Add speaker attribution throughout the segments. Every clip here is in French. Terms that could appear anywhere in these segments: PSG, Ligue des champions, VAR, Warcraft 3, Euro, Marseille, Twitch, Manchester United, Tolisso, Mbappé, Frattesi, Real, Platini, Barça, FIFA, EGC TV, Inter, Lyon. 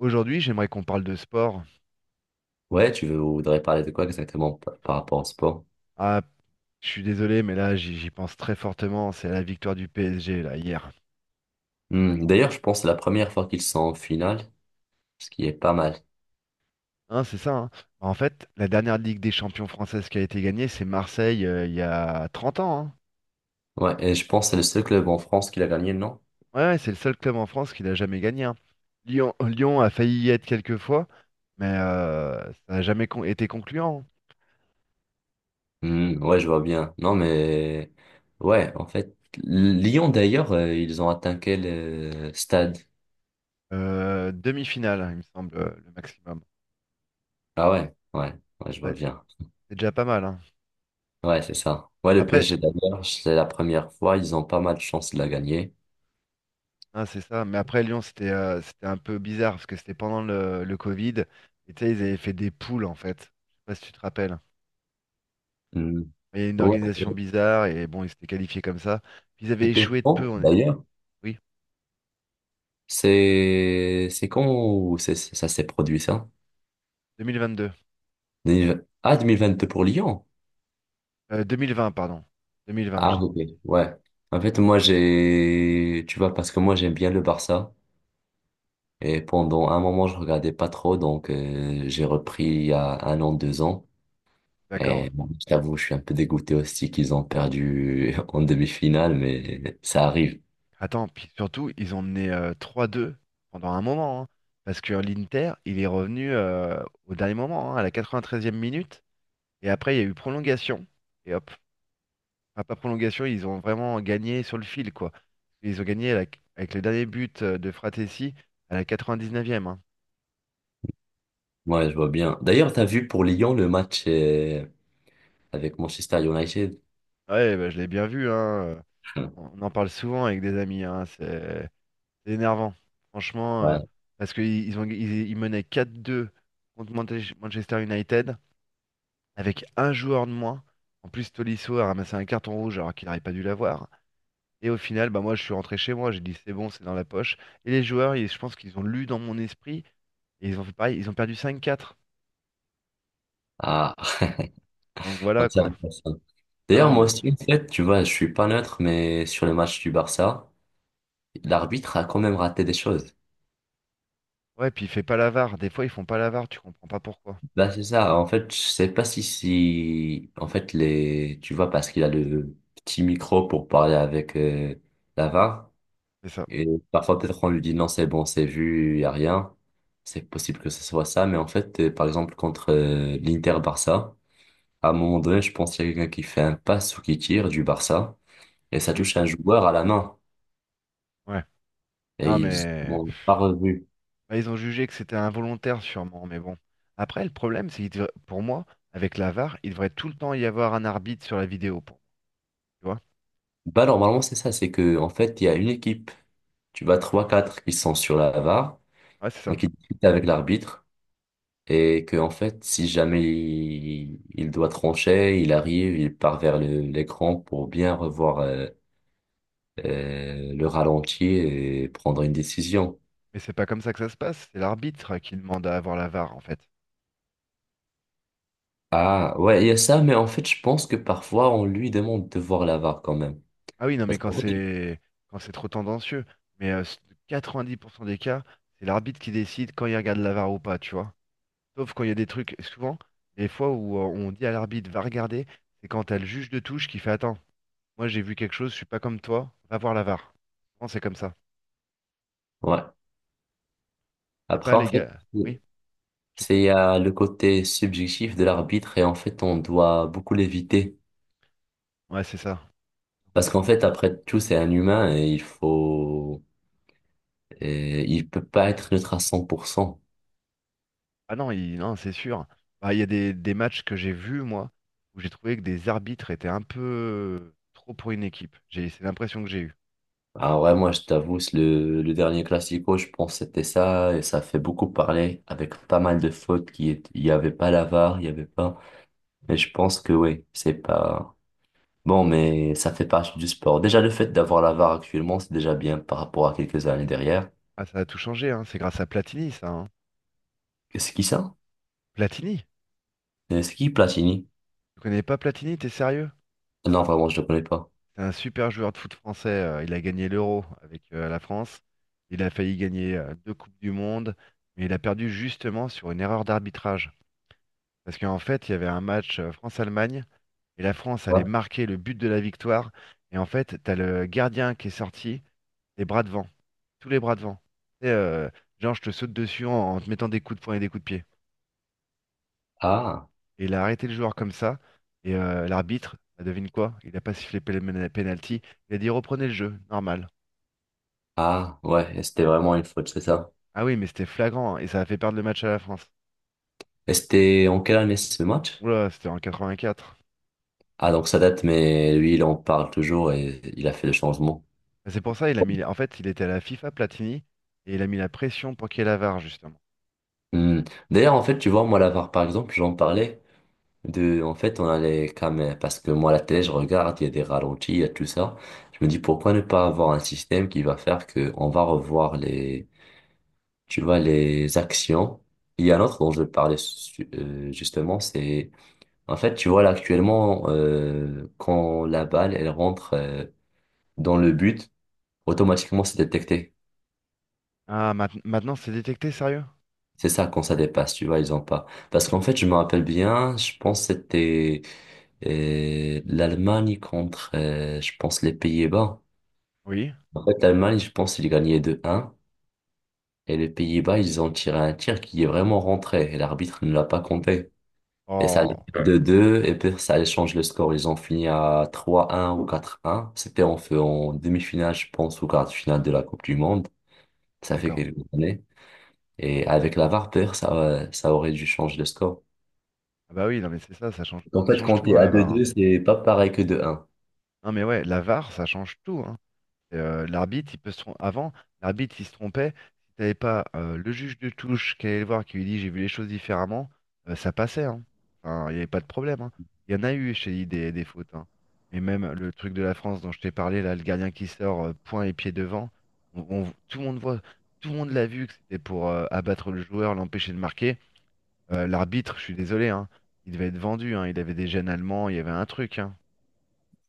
Speaker 1: Aujourd'hui, j'aimerais qu'on parle de sport.
Speaker 2: Ouais, tu voudrais parler de quoi exactement par rapport au sport?
Speaker 1: Ah, je suis désolé, mais là, j'y pense très fortement. C'est la victoire du PSG, là, hier.
Speaker 2: D'ailleurs, je pense que c'est la première fois qu'ils sont en finale, ce qui est pas mal.
Speaker 1: Hein, c'est ça, hein. En fait, la dernière Ligue des champions française qui a été gagnée, c'est Marseille, il y a 30 ans, hein.
Speaker 2: Ouais, et je pense que c'est le seul club en France qui l'a gagné, non?
Speaker 1: Ouais, ouais, c'est le seul club en France qui l'a jamais gagné, hein. Lyon, Lyon a failli y être quelques fois, mais ça n'a jamais été concluant, hein.
Speaker 2: Hmm, ouais, je vois bien. Non, mais ouais, en fait, Lyon d'ailleurs, ils ont atteint quel stade?
Speaker 1: Demi-finale, hein, il me semble, le maximum.
Speaker 2: Ah, ouais, ouais, ouais, je vois
Speaker 1: Ouais,
Speaker 2: bien.
Speaker 1: c'est déjà pas mal, hein.
Speaker 2: Ouais, c'est ça. Ouais, le
Speaker 1: Après,
Speaker 2: PSG d'ailleurs, c'est la première fois, ils ont pas mal de chance de la gagner.
Speaker 1: ah, c'est ça. Mais après, Lyon, c'était c'était un peu bizarre parce que c'était pendant le Covid. Et tu sais, ils avaient fait des poules, en fait. Je sais pas si tu te rappelles.
Speaker 2: Hmm.
Speaker 1: Il y a une
Speaker 2: Ouais,
Speaker 1: organisation bizarre et bon, ils s'étaient qualifiés comme ça. Puis ils avaient
Speaker 2: c'était
Speaker 1: échoué de peu.
Speaker 2: fond,
Speaker 1: On est...
Speaker 2: d'ailleurs.
Speaker 1: Oui,
Speaker 2: C'est quand ça s'est produit ça?
Speaker 1: 2022.
Speaker 2: 2020. Ah, 2022 pour Lyon.
Speaker 1: 2020, pardon. 2020,
Speaker 2: Ah,
Speaker 1: j'ai dit une
Speaker 2: ok.
Speaker 1: bêtise.
Speaker 2: Ouais. En fait, tu vois, parce que moi, j'aime bien le Barça. Et pendant un moment, je regardais pas trop. Donc, j'ai repris il y a un an, 2 ans. Et
Speaker 1: D'accord.
Speaker 2: bon, je t'avoue, je suis un peu dégoûté aussi qu'ils ont perdu en demi-finale. Mais ça arrive.
Speaker 1: Attends, puis surtout, ils ont mené 3-2 pendant un moment, hein. Parce que l'Inter, il est revenu au dernier moment, hein, à la 93e minute. Et après, il y a eu prolongation. Et hop. Enfin, pas prolongation, ils ont vraiment gagné sur le fil, quoi. Ils ont gagné à la- Avec les derniers buts de Fratessi à la 99e, hein.
Speaker 2: Ouais, je vois bien. D'ailleurs, t'as vu pour Lyon le match avec Manchester United?
Speaker 1: Ouais, bah, je l'ai bien vu, hein. On on en parle souvent avec des amis, hein. C'est énervant, franchement,
Speaker 2: Ouais.
Speaker 1: parce qu'ils menaient 4-2 contre Manchester United avec un joueur de moins. En plus, Tolisso a ramassé un carton rouge alors qu'il n'aurait pas dû l'avoir, hein. Et au final, bah moi, je suis rentré chez moi, j'ai dit c'est bon, c'est dans la poche. Et les joueurs, je pense qu'ils ont lu dans mon esprit et ils ont fait pareil, ils ont perdu 5-4.
Speaker 2: Ah.
Speaker 1: Donc
Speaker 2: Non,
Speaker 1: voilà
Speaker 2: ça,
Speaker 1: quoi. Ah
Speaker 2: d'ailleurs,
Speaker 1: non,
Speaker 2: moi
Speaker 1: mais
Speaker 2: aussi, en fait, tu vois, je suis pas neutre, mais sur le match du Barça, l'arbitre a quand même raté des choses.
Speaker 1: ouais, puis il fait pas l'avare. Des fois, ils font pas l'avare, tu comprends pas pourquoi.
Speaker 2: Bah c'est ça. En fait, je sais pas si, en fait, les, tu vois, parce qu'il a le petit micro pour parler avec la VAR,
Speaker 1: C'est ça.
Speaker 2: et parfois, peut-être, on lui dit non, c'est bon, c'est vu, y a rien. C'est possible que ce soit ça, mais en fait, par exemple, contre l'Inter-Barça, à un moment donné, je pense qu'il y a quelqu'un qui fait un pass ou qui tire du Barça, et ça
Speaker 1: Oui,
Speaker 2: touche un joueur à la main,
Speaker 1: ouais.
Speaker 2: et
Speaker 1: Non,
Speaker 2: ils
Speaker 1: mais
Speaker 2: n'ont pas revu.
Speaker 1: bah, ils ont jugé que c'était involontaire sûrement, mais bon. Après, le problème, c'est que pour moi, avec la var, il devrait tout le temps y avoir un arbitre sur la vidéo. Pour... moi, tu vois?
Speaker 2: Bah, normalement, c'est ça, c'est que, en fait, il y a une équipe, tu vas trois quatre qui sont sur la VAR,
Speaker 1: Ouais, c'est
Speaker 2: mais
Speaker 1: ça.
Speaker 2: qui discutent avec l'arbitre, et que, en fait, si jamais il doit trancher, il arrive, il part vers l'écran pour bien revoir le ralenti et prendre une décision.
Speaker 1: Mais c'est pas comme ça que ça se passe, c'est l'arbitre qui demande à avoir la var en fait.
Speaker 2: Ah, ouais, il y a ça, mais en fait, je pense que parfois, on lui demande de voir la VAR quand même.
Speaker 1: Ah oui, non, mais
Speaker 2: Parce qu'en fait,
Speaker 1: quand c'est trop tendancieux. Mais 90% des cas, c'est l'arbitre qui décide quand il regarde la VAR ou pas, tu vois. Sauf quand il y a des trucs, souvent, les fois où on dit à l'arbitre va regarder, c'est quand t'as le juge de touche qui fait attends, moi j'ai vu quelque chose, je suis pas comme toi, va voir la VAR. Non, c'est comme ça.
Speaker 2: ouais.
Speaker 1: C'est pas
Speaker 2: Après, en
Speaker 1: les
Speaker 2: fait,
Speaker 1: gars. Oui,
Speaker 2: c'est il
Speaker 1: j'écoute.
Speaker 2: y a le côté subjectif de l'arbitre, et en fait, on doit beaucoup l'éviter.
Speaker 1: Ouais, c'est ça.
Speaker 2: Parce qu'en fait, après tout, c'est un humain et il faut, et il peut pas être neutre à 100%.
Speaker 1: Ah non, non, c'est sûr. Bah, il y a des matchs que j'ai vus, moi, où j'ai trouvé que des arbitres étaient un peu trop pour une équipe. J'ai, c'est l'impression que j'ai eue.
Speaker 2: Ah ouais, moi, je t'avoue, c'est le dernier Classico, je pense que c'était ça et ça fait beaucoup parler avec pas mal de fautes il y avait pas la VAR, il y avait pas. Mais je pense que oui, c'est pas, bon, mais ça fait partie du sport. Déjà, le fait d'avoir la VAR actuellement, c'est déjà bien par rapport à quelques années derrière.
Speaker 1: Ah, ça a tout changé, hein. C'est grâce à Platini, ça, hein.
Speaker 2: C'est qui ça?
Speaker 1: Platini?
Speaker 2: C'est qui Platini?
Speaker 1: Tu connais pas Platini, t'es sérieux?
Speaker 2: Non, vraiment, je ne le connais pas.
Speaker 1: C'est un super joueur de foot français. Il a gagné l'Euro avec la France. Il a failli gagner deux Coupes du Monde, mais il a perdu justement sur une erreur d'arbitrage. Parce qu'en fait, il y avait un match France-Allemagne et la France
Speaker 2: Ouais.
Speaker 1: allait marquer le but de la victoire. Et en fait, t'as le gardien qui est sorti, les bras devant, tous les bras devant. Et, euh, genre, je te saute dessus en te mettant des coups de poing et des coups de pied.
Speaker 2: Ah,
Speaker 1: Et il a arrêté le joueur comme ça. Et l'arbitre, bah, devine quoi? Il n'a pas sifflé penalty. Il a dit reprenez le jeu, normal.
Speaker 2: ah, ouais, et c'était vraiment une faute, c'est ça.
Speaker 1: Ah oui, mais c'était flagrant hein, et ça a fait perdre le match à la France.
Speaker 2: Et c'était en quelle année ce match?
Speaker 1: Oula, c'était en 84.
Speaker 2: Ah, donc ça date, mais lui, il en parle toujours et il a fait le changement.
Speaker 1: Et c'est pour ça il a mis. En fait, il était à la FIFA Platini et il a mis la pression pour qu'il y ait la VAR, justement.
Speaker 2: Hmm. D'ailleurs, en fait, tu vois, moi, la VAR, par exemple, j'en parlais de. En fait, on allait quand même. Parce que moi, la télé, je regarde, il y a des ralentis, il y a tout ça. Je me dis, pourquoi ne pas avoir un système qui va faire que on va revoir les tu vois, les actions. Il y a un autre dont je parlais justement, c'est en fait, tu vois, là actuellement, quand la balle, elle rentre dans le but, automatiquement, c'est détecté.
Speaker 1: Ah, maintenant c'est détecté, sérieux?
Speaker 2: C'est ça, quand ça dépasse, tu vois, ils ont pas. Parce qu'en fait, je me rappelle bien, je pense que c'était l'Allemagne contre, je pense, les Pays-Bas.
Speaker 1: Oui.
Speaker 2: En fait, l'Allemagne, je pense, ils gagnaient 2 un. Et les Pays-Bas, ils ont tiré un tir qui est vraiment rentré. Et l'arbitre ne l'a pas compté. Et ça allait,
Speaker 1: Oh,
Speaker 2: ouais, de 2 et puis ça allait changer le score. Ils ont fini à 3-1 ou 4-1. C'était en fait en demi-finale, je pense, ou quart de finale de la Coupe du Monde. Ça fait
Speaker 1: d'accord.
Speaker 2: quelques années. Et avec la VAR, peut-être, ça aurait dû changer le score.
Speaker 1: Ah bah oui, non mais c'est ça,
Speaker 2: En
Speaker 1: ça
Speaker 2: fait,
Speaker 1: change
Speaker 2: quand
Speaker 1: tout,
Speaker 2: t'es
Speaker 1: dans
Speaker 2: à
Speaker 1: la
Speaker 2: deux
Speaker 1: VAR, hein.
Speaker 2: deux c'est pas pareil que 2 un.
Speaker 1: Non mais ouais, la VAR, ça change tout, hein. L'arbitre, il peut avant, l'arbitre, il se trompait. Si t'avais pas le juge de touche qui allait le voir, qui lui dit j'ai vu les choses différemment, ça passait, hein. Enfin, il n'y avait pas de problème, hein. Il y en a eu chez lui des fautes, hein. Et même le truc de la France dont je t'ai parlé, là, le gardien qui sort point et pied devant, tout le monde voit, tout le monde l'a vu que c'était pour abattre le joueur, l'empêcher de marquer. L'arbitre, je suis désolé, hein, il devait être vendu, hein. Il avait des gènes allemands, il y avait un truc, hein.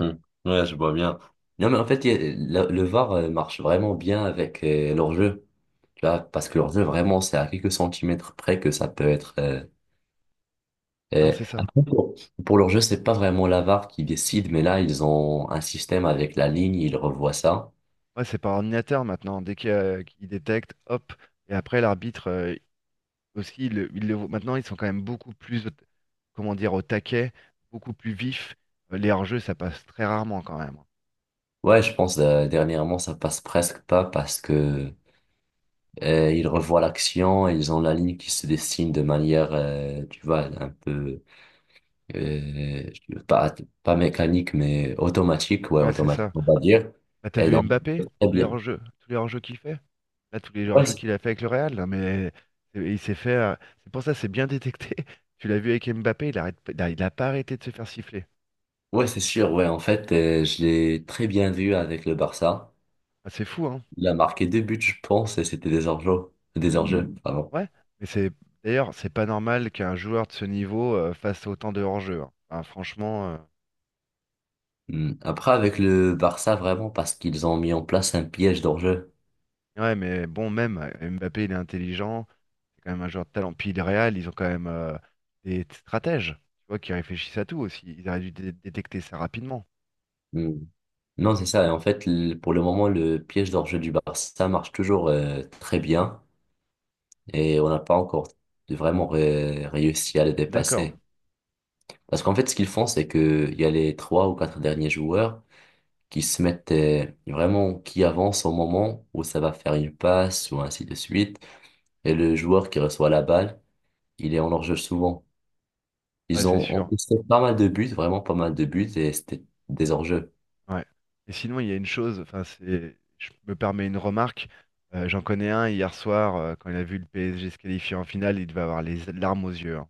Speaker 2: Hmm. Ouais, je vois bien. Non, mais en fait, il y a- la- le VAR marche vraiment bien avec leur jeu. Tu vois, parce que leur jeu, vraiment, c'est à quelques centimètres près que ça peut être.
Speaker 1: Non,
Speaker 2: Euh,
Speaker 1: c'est ça.
Speaker 2: après, pour leur jeu, c'est pas vraiment la VAR qui décide, mais là, ils ont un système avec la ligne, ils revoient ça.
Speaker 1: Ouais, c'est par ordinateur maintenant. Dès qu'qu'il détecte, hop. Et après, l'arbitre aussi, il le voit. Maintenant, ils sont quand même beaucoup plus, comment dire, au taquet, beaucoup plus vifs. Les hors-jeux, ça passe très rarement quand même.
Speaker 2: Ouais, je pense, dernièrement, ça passe presque pas parce que ils revoient l'action, et ils ont la ligne qui se dessine de manière, tu vois, un peu, euh, pas, pas mécanique, mais automatique, ouais,
Speaker 1: Ouais, c'est
Speaker 2: automatique,
Speaker 1: ça.
Speaker 2: on va dire.
Speaker 1: Bah, t'as
Speaker 2: Et
Speaker 1: vu
Speaker 2: donc,
Speaker 1: Mbappé,
Speaker 2: très bien.
Speaker 1: tous les hors-jeux qu'il fait? Là, tous les
Speaker 2: Ouais,
Speaker 1: hors-jeux
Speaker 2: c'est
Speaker 1: qu'il a fait avec le Real, là, mais il s'est fait. C'est pour ça, c'est bien détecté. Tu l'as vu avec Mbappé, il a pas arrêté de se faire siffler.
Speaker 2: ouais, c'est sûr, ouais, en fait, je l'ai très bien vu avec le Barça.
Speaker 1: Ah, c'est fou, hein?
Speaker 2: Il a marqué deux buts, je pense, et c'était des hors-jeu. Des hors-jeu. Mm. Pardon.
Speaker 1: Ouais, mais c'est d'ailleurs, c'est pas normal qu'un joueur de ce niveau fasse autant de hors-jeu, hein. Enfin, franchement,
Speaker 2: Hmm. Après, avec le Barça, vraiment, parce qu'ils ont mis en place un piège d'hors-jeu.
Speaker 1: ouais, mais bon, même Mbappé, il est intelligent, c'est quand même un joueur de talent. Puis le Real, ils ont quand même stratèges, tu vois, qui réfléchissent à tout aussi. Ils auraient dû détecter ça rapidement.
Speaker 2: Hmm. Non, c'est ça. Et en fait, pour le moment, le piège d'hors-jeu du Barça marche toujours très bien. Et on n'a pas encore vraiment réussi à le
Speaker 1: D'accord.
Speaker 2: dépasser. Parce qu'en fait, ce qu'ils font, c'est que il y a les trois ou quatre derniers joueurs qui se mettent vraiment, qui avancent au moment où ça va faire une passe ou ainsi de suite. Et le joueur qui reçoit la balle, il est en hors-jeu souvent.
Speaker 1: Ouais,
Speaker 2: Ils
Speaker 1: c'est
Speaker 2: ont
Speaker 1: sûr.
Speaker 2: encaissé pas mal de buts, vraiment pas mal de buts, et c'était des hors-jeux.
Speaker 1: Ouais. Et sinon, il y a une chose, enfin, c'est, je me permets une remarque. J'en connais un hier soir, quand il a vu le PSG se qualifier en finale, il devait avoir les larmes aux yeux, hein.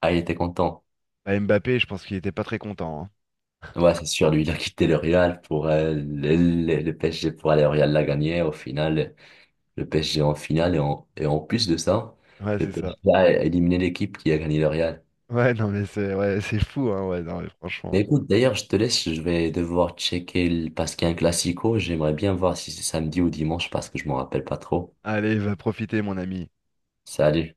Speaker 2: Ah, il était content.
Speaker 1: Bah, Mbappé, je pense qu'il était pas très content,
Speaker 2: Ouais, c'est sûr, lui, il a quitté le Real pour le PSG pour aller au Real l'a gagné. Au final, le PSG en finale, et en plus de ça,
Speaker 1: hein. Ouais,
Speaker 2: le
Speaker 1: c'est ça.
Speaker 2: PSG a éliminé l'équipe qui a gagné le Real.
Speaker 1: Ouais, non, mais c'est ouais, c'est fou, hein, ouais, non, mais franchement.
Speaker 2: Mais écoute, d'ailleurs, je te laisse, je vais devoir checker parce qu'il y a un classico. J'aimerais bien voir si c'est samedi ou dimanche parce que je m'en rappelle pas trop.
Speaker 1: Allez, va profiter, mon ami.
Speaker 2: Salut.